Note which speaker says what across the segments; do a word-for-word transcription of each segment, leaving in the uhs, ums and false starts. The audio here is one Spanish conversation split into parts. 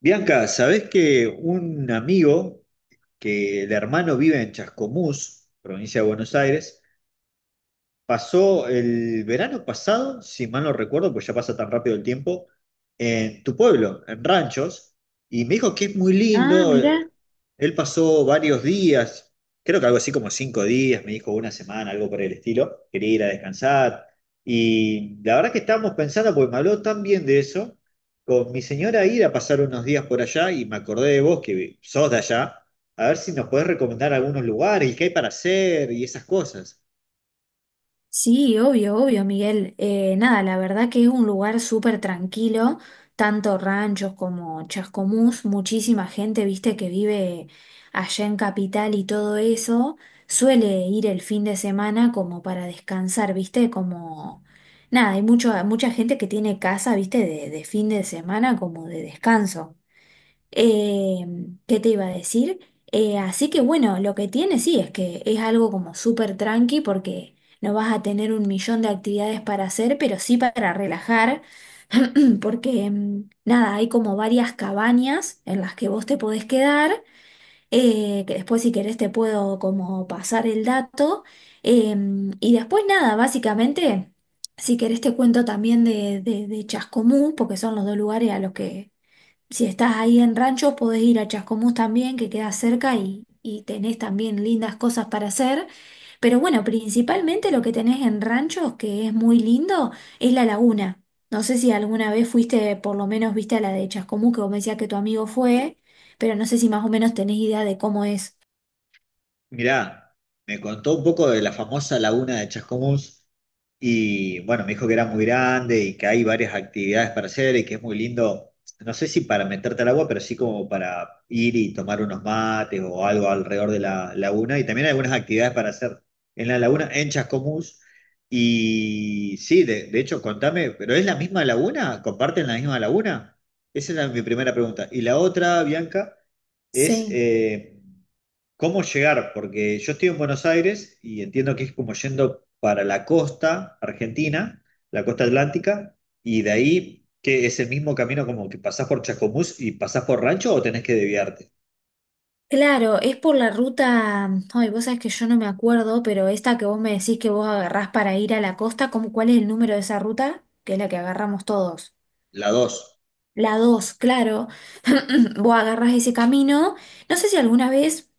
Speaker 1: Bianca, ¿sabés que un amigo que el hermano vive en Chascomús, provincia de Buenos Aires, pasó el verano pasado, si mal no recuerdo, pues ya pasa tan rápido el tiempo, en tu pueblo, en Ranchos, y me dijo que es muy
Speaker 2: Ah,
Speaker 1: lindo.
Speaker 2: mira,
Speaker 1: eh, Él pasó varios días, creo que algo así como cinco días, me dijo una semana, algo por el estilo. Quería ir a descansar. Y la verdad que estábamos pensando, porque me habló tan bien de eso, con mi señora ir a pasar unos días por allá y me acordé de vos, que sos de allá, a ver si nos podés recomendar algunos lugares y qué hay para hacer y esas cosas.
Speaker 2: sí, obvio, obvio, Miguel. Eh, nada, La verdad que es un lugar súper tranquilo, tanto ranchos como Chascomús, muchísima gente, viste, que vive allá en Capital y todo eso, suele ir el fin de semana como para descansar, viste, como... Nada, hay mucho, mucha gente que tiene casa, viste, de, de fin de semana como de descanso. Eh, ¿Qué te iba a decir? Eh, así que bueno, lo que tiene sí es que es algo como súper tranqui porque no vas a tener un millón de actividades para hacer, pero sí para relajar, porque mm, nada, hay como varias cabañas en las que vos te podés quedar, eh, que después si querés te puedo como pasar el dato, em, y después nada, básicamente... Si querés te cuento también de, de, de Chascomú, porque son los dos lugares a los que, si estás ahí en Rancho, podés ir a Chascomús también, que queda cerca y, y tenés también lindas cosas para hacer. Pero bueno, principalmente lo que tenés en Ranchos, que es muy lindo, es la laguna. No sé si alguna vez fuiste, por lo menos viste a la de Chascomús, que vos me decías que tu amigo fue, pero no sé si más o menos tenés idea de cómo es.
Speaker 1: Mirá, me contó un poco de la famosa laguna de Chascomús y bueno, me dijo que era muy grande y que hay varias actividades para hacer y que es muy lindo, no sé si para meterte al agua, pero sí como para ir y tomar unos mates o algo alrededor de la laguna y también hay algunas actividades para hacer en la laguna, en Chascomús. Y sí, de, de hecho, contame, ¿pero es la misma laguna? ¿Comparten la misma laguna? Esa es la- mi primera pregunta. Y la otra, Bianca, es,
Speaker 2: Sí.
Speaker 1: eh, ¿cómo llegar? Porque yo estoy en Buenos Aires y entiendo que es como yendo para la costa argentina, la costa atlántica, y de ahí que es el mismo camino como que pasás por Chascomús y pasás por Rancho o tenés que desviarte.
Speaker 2: Claro, es por la ruta, ay, vos sabés que yo no me acuerdo, pero esta que vos me decís que vos agarrás para ir a la costa, ¿cómo, cuál es el número de esa ruta? Que es la que agarramos todos.
Speaker 1: La dos.
Speaker 2: La dos, claro. Vos agarrás ese camino. No sé si alguna vez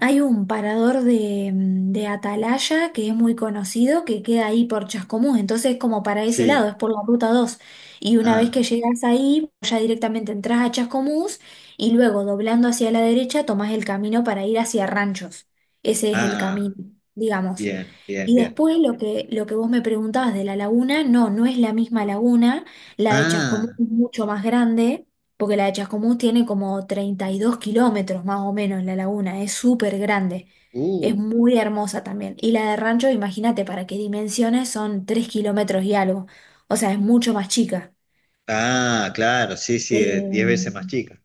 Speaker 2: hay un parador de, mm, de Atalaya que es muy conocido, que queda ahí por Chascomús. Entonces, como para ese lado, es
Speaker 1: Sí.
Speaker 2: por la ruta dos. Y una vez
Speaker 1: Ah,
Speaker 2: que llegas ahí, ya directamente entras a Chascomús y luego, doblando hacia la derecha, tomás el camino para ir hacia Ranchos. Ese es el
Speaker 1: ah,
Speaker 2: camino,
Speaker 1: ah.
Speaker 2: digamos.
Speaker 1: Bien, bien,
Speaker 2: Y
Speaker 1: bien.
Speaker 2: después lo que, lo que vos me preguntabas de la laguna, no, no es la misma laguna, la de Chascomús
Speaker 1: Ah,
Speaker 2: es mucho más grande, porque la de Chascomús tiene como treinta y dos kilómetros más o menos la laguna, es súper grande, es
Speaker 1: uh.
Speaker 2: muy hermosa también. Y la de Rancho, imagínate para qué dimensiones, son tres kilómetros y algo, o sea, es mucho más chica.
Speaker 1: Ah, claro, sí, sí, es
Speaker 2: Eh,
Speaker 1: diez veces más chica.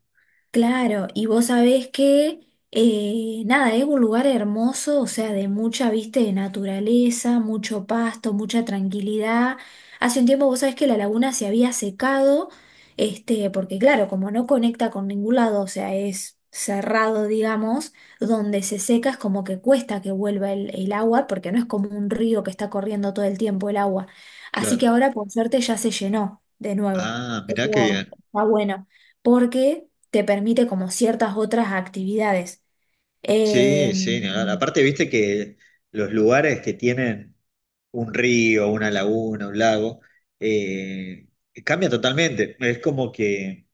Speaker 2: Claro, y vos sabés que, eh, nada, es un lugar hermoso, o sea, de mucha, vista de naturaleza, mucho pasto, mucha tranquilidad. Hace un tiempo vos sabés que la laguna se había secado, este, porque claro, como no conecta con ningún lado, o sea, es cerrado, digamos, donde se seca es como que cuesta que vuelva el, el agua, porque no es como un río que está corriendo todo el tiempo el agua. Así que
Speaker 1: Claro.
Speaker 2: ahora, por suerte, ya se llenó de nuevo.
Speaker 1: Ah, mirá qué
Speaker 2: Eso
Speaker 1: bien.
Speaker 2: está bueno, porque te permite como ciertas otras actividades. Eh,
Speaker 1: Sí, sí, ni hablar. Aparte, viste que los lugares que tienen un río, una laguna, un lago, eh, cambia totalmente. Es como que,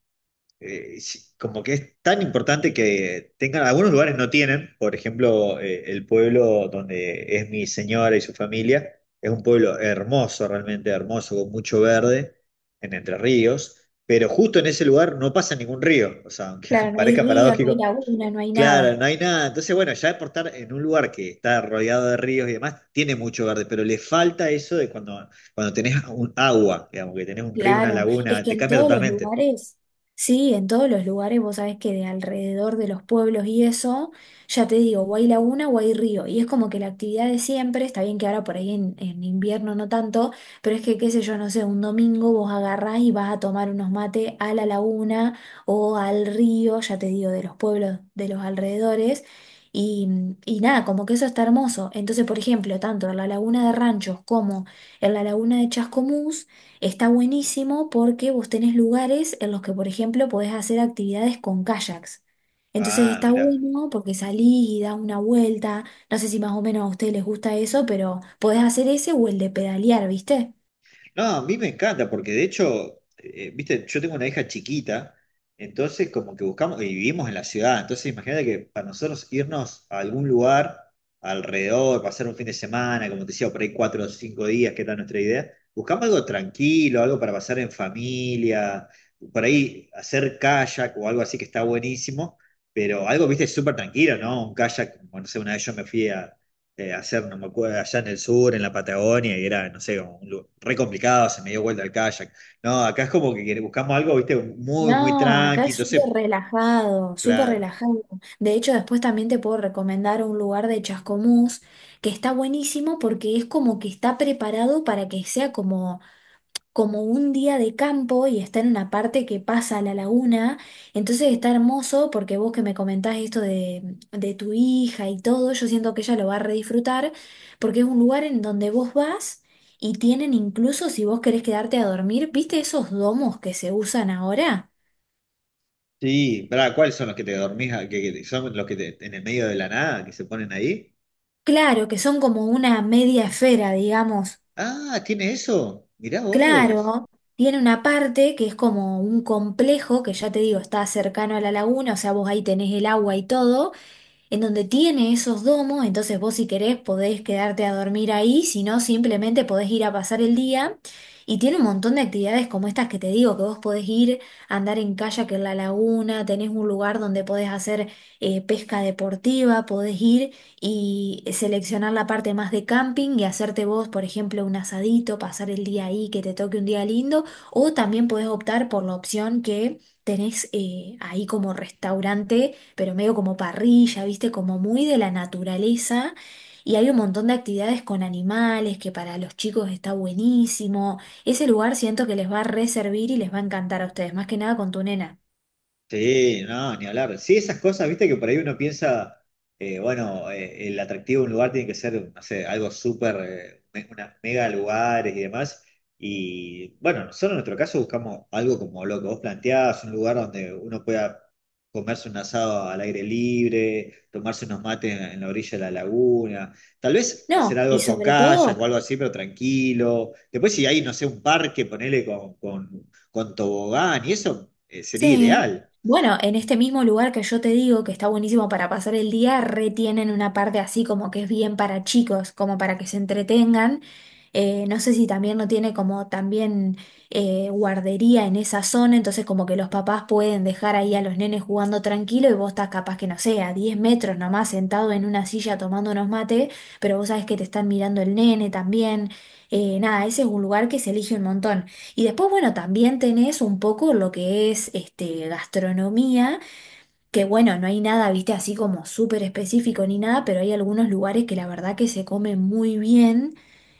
Speaker 1: eh, si- como que es tan importante que tengan, algunos lugares no tienen, por ejemplo, eh, el pueblo donde es mi señora y su familia, es un pueblo hermoso, realmente hermoso, con mucho verde, en Entre Ríos. Pero justo en ese lugar no pasa ningún río, o sea, aunque
Speaker 2: claro, no hay
Speaker 1: parezca
Speaker 2: río, no hay
Speaker 1: paradójico.
Speaker 2: laguna, no hay
Speaker 1: Claro,
Speaker 2: nada.
Speaker 1: no hay nada. Entonces, bueno, ya por estar en un lugar que está rodeado de ríos y demás, tiene mucho verde, pero le falta eso de cuando, cuando tenés un agua, digamos, que tenés un río, una
Speaker 2: Claro, es
Speaker 1: laguna,
Speaker 2: que
Speaker 1: te
Speaker 2: en
Speaker 1: cambia
Speaker 2: todos los
Speaker 1: totalmente.
Speaker 2: lugares, sí, en todos los lugares, vos sabés que de alrededor de los pueblos y eso, ya te digo, o hay laguna o hay río, y es como que la actividad de siempre, está bien que ahora por ahí en, en invierno no tanto, pero es que, qué sé yo, no sé, un domingo vos agarrás y vas a tomar unos mates a la laguna o al río, ya te digo, de los pueblos de los alrededores, y, y nada, como que eso está hermoso. Entonces, por ejemplo, tanto en la laguna de Ranchos como en la laguna de Chascomús, está buenísimo porque vos tenés lugares en los que, por ejemplo, podés hacer actividades con kayaks. Entonces
Speaker 1: Ah,
Speaker 2: está
Speaker 1: mirá.
Speaker 2: bueno porque salís y da una vuelta. No sé si más o menos a ustedes les gusta eso, pero podés hacer ese o el de pedalear, ¿viste?
Speaker 1: No, a mí me encanta, porque de hecho, eh, viste, yo tengo una hija chiquita, entonces como que buscamos, y vivimos en la ciudad, entonces imagínate que para nosotros irnos a algún lugar alrededor, pasar un fin de semana, como te decía, por ahí cuatro o cinco días, que era nuestra idea, buscamos algo tranquilo, algo para pasar en familia, por ahí hacer kayak o algo así que está buenísimo, pero algo, viste, súper tranquilo, ¿no? Un kayak, bueno, no sé, una vez yo me fui a, eh, hacer, no me acuerdo, allá en el sur, en la Patagonia, y era, no sé, como un lu- re complicado, se me dio vuelta el kayak. No, acá es como que buscamos algo, viste, muy, muy
Speaker 2: No, acá
Speaker 1: tranqui,
Speaker 2: es súper
Speaker 1: entonces,
Speaker 2: relajado, súper
Speaker 1: claro.
Speaker 2: relajado. De hecho, después también te puedo recomendar un lugar de Chascomús que está buenísimo porque es como que está preparado para que sea como como un día de campo y está en una parte que pasa a la laguna, entonces está hermoso porque vos que me comentás esto de, de tu hija y todo, yo siento que ella lo va a redisfrutar porque es un lugar en donde vos vas y tienen incluso si vos querés quedarte a dormir, ¿viste esos domos que se usan ahora?
Speaker 1: Sí, pará, ¿cuáles son los que te dormís, a- que, que son los que te- en el medio de la nada, que se ponen ahí?
Speaker 2: Claro, que son como una media esfera, digamos.
Speaker 1: Ah, ¿tiene eso? Mirá vos.
Speaker 2: Claro. Tiene una parte que es como un complejo, que ya te digo, está cercano a la laguna, o sea, vos ahí tenés el agua y todo, en donde tiene esos domos, entonces vos si querés podés quedarte a dormir ahí, si no simplemente podés ir a pasar el día. Y tiene un montón de actividades como estas que te digo, que vos podés ir a andar en kayak en la laguna, tenés un lugar donde podés hacer eh, pesca deportiva, podés ir y seleccionar la parte más de camping y hacerte vos, por ejemplo, un asadito, pasar el día ahí, que te toque un día lindo, o también podés optar por la opción que tenés eh, ahí como restaurante pero medio como parrilla, viste, como muy de la naturaleza. Y hay un montón de actividades con animales que para los chicos está buenísimo. Ese lugar siento que les va a reservir y les va a encantar a ustedes, más que nada con tu nena.
Speaker 1: Sí, no, ni hablar. Sí, esas cosas, viste que por ahí uno piensa, eh, bueno, eh, el atractivo de un lugar tiene que ser, no sé, algo súper, eh, me- unas mega lugares y demás. Y bueno, nosotros en nuestro caso buscamos algo como lo que vos planteabas, un lugar donde uno pueda comerse un asado al aire libre, tomarse unos mates en, en la orilla de la laguna, tal vez hacer
Speaker 2: No, y
Speaker 1: algo con
Speaker 2: sobre
Speaker 1: kayak
Speaker 2: todo
Speaker 1: o algo así, pero tranquilo. Después si hay, no sé, un parque, ponele con, con, con tobogán y eso, eh, sería
Speaker 2: sí.
Speaker 1: ideal.
Speaker 2: Bueno, en este mismo lugar que yo te digo que está buenísimo para pasar el día, retienen una parte así como que es bien para chicos, como para que se entretengan. Eh, no sé si también no tiene como también eh, guardería en esa zona, entonces como que los papás pueden dejar ahí a los nenes jugando tranquilo y vos estás capaz que no sé, a diez metros nomás sentado en una silla tomando unos mate, pero vos sabés que te están mirando el nene también. Eh, nada, ese es un lugar que se elige un montón. Y después, bueno, también tenés un poco lo que es este, gastronomía, que bueno, no hay nada, viste, así como súper específico ni nada, pero hay algunos lugares que la verdad que se comen muy bien.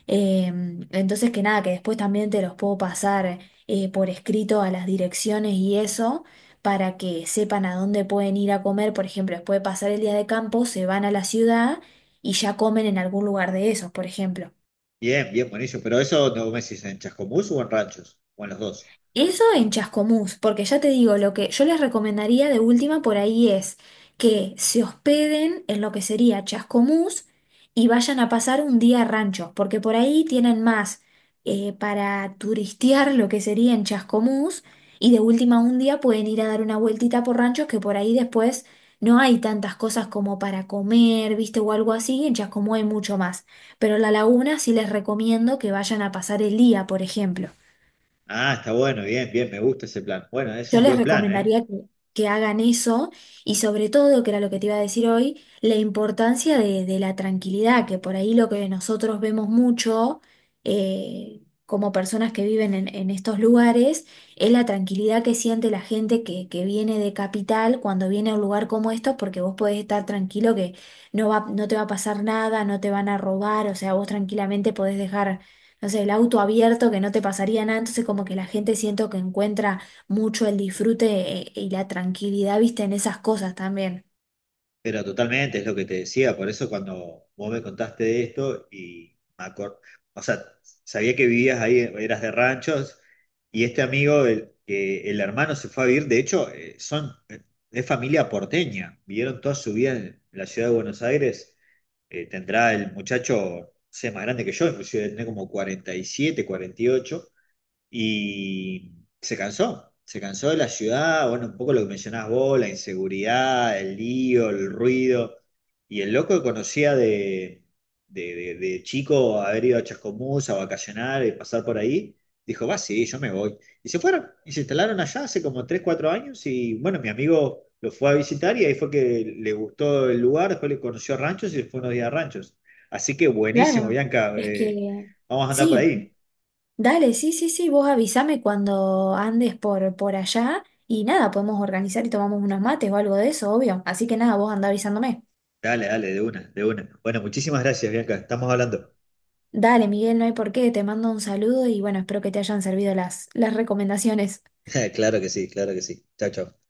Speaker 2: Eh, entonces, que nada, que después también te los puedo pasar eh, por escrito a las direcciones y eso, para que sepan a dónde pueden ir a comer. Por ejemplo, después de pasar el día de campo, se van a la ciudad y ya comen en algún lugar de esos, por ejemplo.
Speaker 1: Bien, bien, buenísimo. Pero eso no me decís en Chascomús o en Ranchos, o en los dos.
Speaker 2: Eso en Chascomús, porque ya te digo, lo que yo les recomendaría de última por ahí es que se hospeden en lo que sería Chascomús y vayan a pasar un día a rancho, porque por ahí tienen más eh, para turistear lo que sería en Chascomús y de última un día pueden ir a dar una vueltita por ranchos que por ahí después no hay tantas cosas como para comer, viste, o algo así, en Chascomús hay mucho más, pero la laguna sí les recomiendo que vayan a pasar el día, por ejemplo.
Speaker 1: Ah, está bueno, bien, bien, me gusta ese plan. Bueno, es
Speaker 2: Yo
Speaker 1: un
Speaker 2: les
Speaker 1: buen plan, ¿eh?
Speaker 2: recomendaría que, que hagan eso y sobre todo, que era lo que te iba a decir hoy, la importancia de, de la tranquilidad, que por ahí lo que nosotros vemos mucho eh, como personas que viven en, en estos lugares es la tranquilidad que siente la gente que, que viene de capital cuando viene a un lugar como estos, porque vos podés estar tranquilo que no va, no te va a pasar nada, no te van a robar, o sea, vos tranquilamente podés dejar, no sé, el auto abierto que no te pasaría nada, entonces como que la gente siento que encuentra mucho el disfrute eh, y la tranquilidad, viste, en esas cosas también.
Speaker 1: Pero totalmente, es lo que te decía, por eso cuando vos me contaste de esto y me acor- o sea, sabía que vivías ahí, eras de Ranchos, y este amigo, el, que el hermano se fue a vivir, de hecho, eh, son, eh, es familia porteña, vivieron toda su vida en la ciudad de Buenos Aires, eh, tendrá el muchacho, no sé, más grande que yo, inclusive tiene como cuarenta cuarenta y siete cuarenta y ocho y se cansó, se cansó de la ciudad, bueno, un poco lo que mencionás vos, la inseguridad, el lío, el ruido. Y el loco que conocía de, de, de- de chico haber ido a Chascomús a vacacionar y pasar por ahí, dijo, va, sí, yo me voy. Y se fueron, y se instalaron allá hace como tres cuatro años y bueno, mi amigo lo fue a visitar y ahí fue que le gustó el lugar, después le conoció Ranchos y se fue unos días a Ranchos. Así que buenísimo,
Speaker 2: Claro,
Speaker 1: Bianca,
Speaker 2: es
Speaker 1: eh,
Speaker 2: que
Speaker 1: vamos a andar por
Speaker 2: sí,
Speaker 1: ahí.
Speaker 2: dale, sí, sí, sí, vos avísame cuando andes por, por allá y nada, podemos organizar y tomamos unos mates o algo de eso, obvio. Así que nada, vos andá avisándome.
Speaker 1: Dale, dale, de una, de una. Bueno, muchísimas gracias, Bianca. Estamos hablando.
Speaker 2: Dale, Miguel, no hay por qué, te mando un saludo y bueno, espero que te hayan servido las, las recomendaciones.
Speaker 1: Claro que sí, claro que sí. Chao, chao.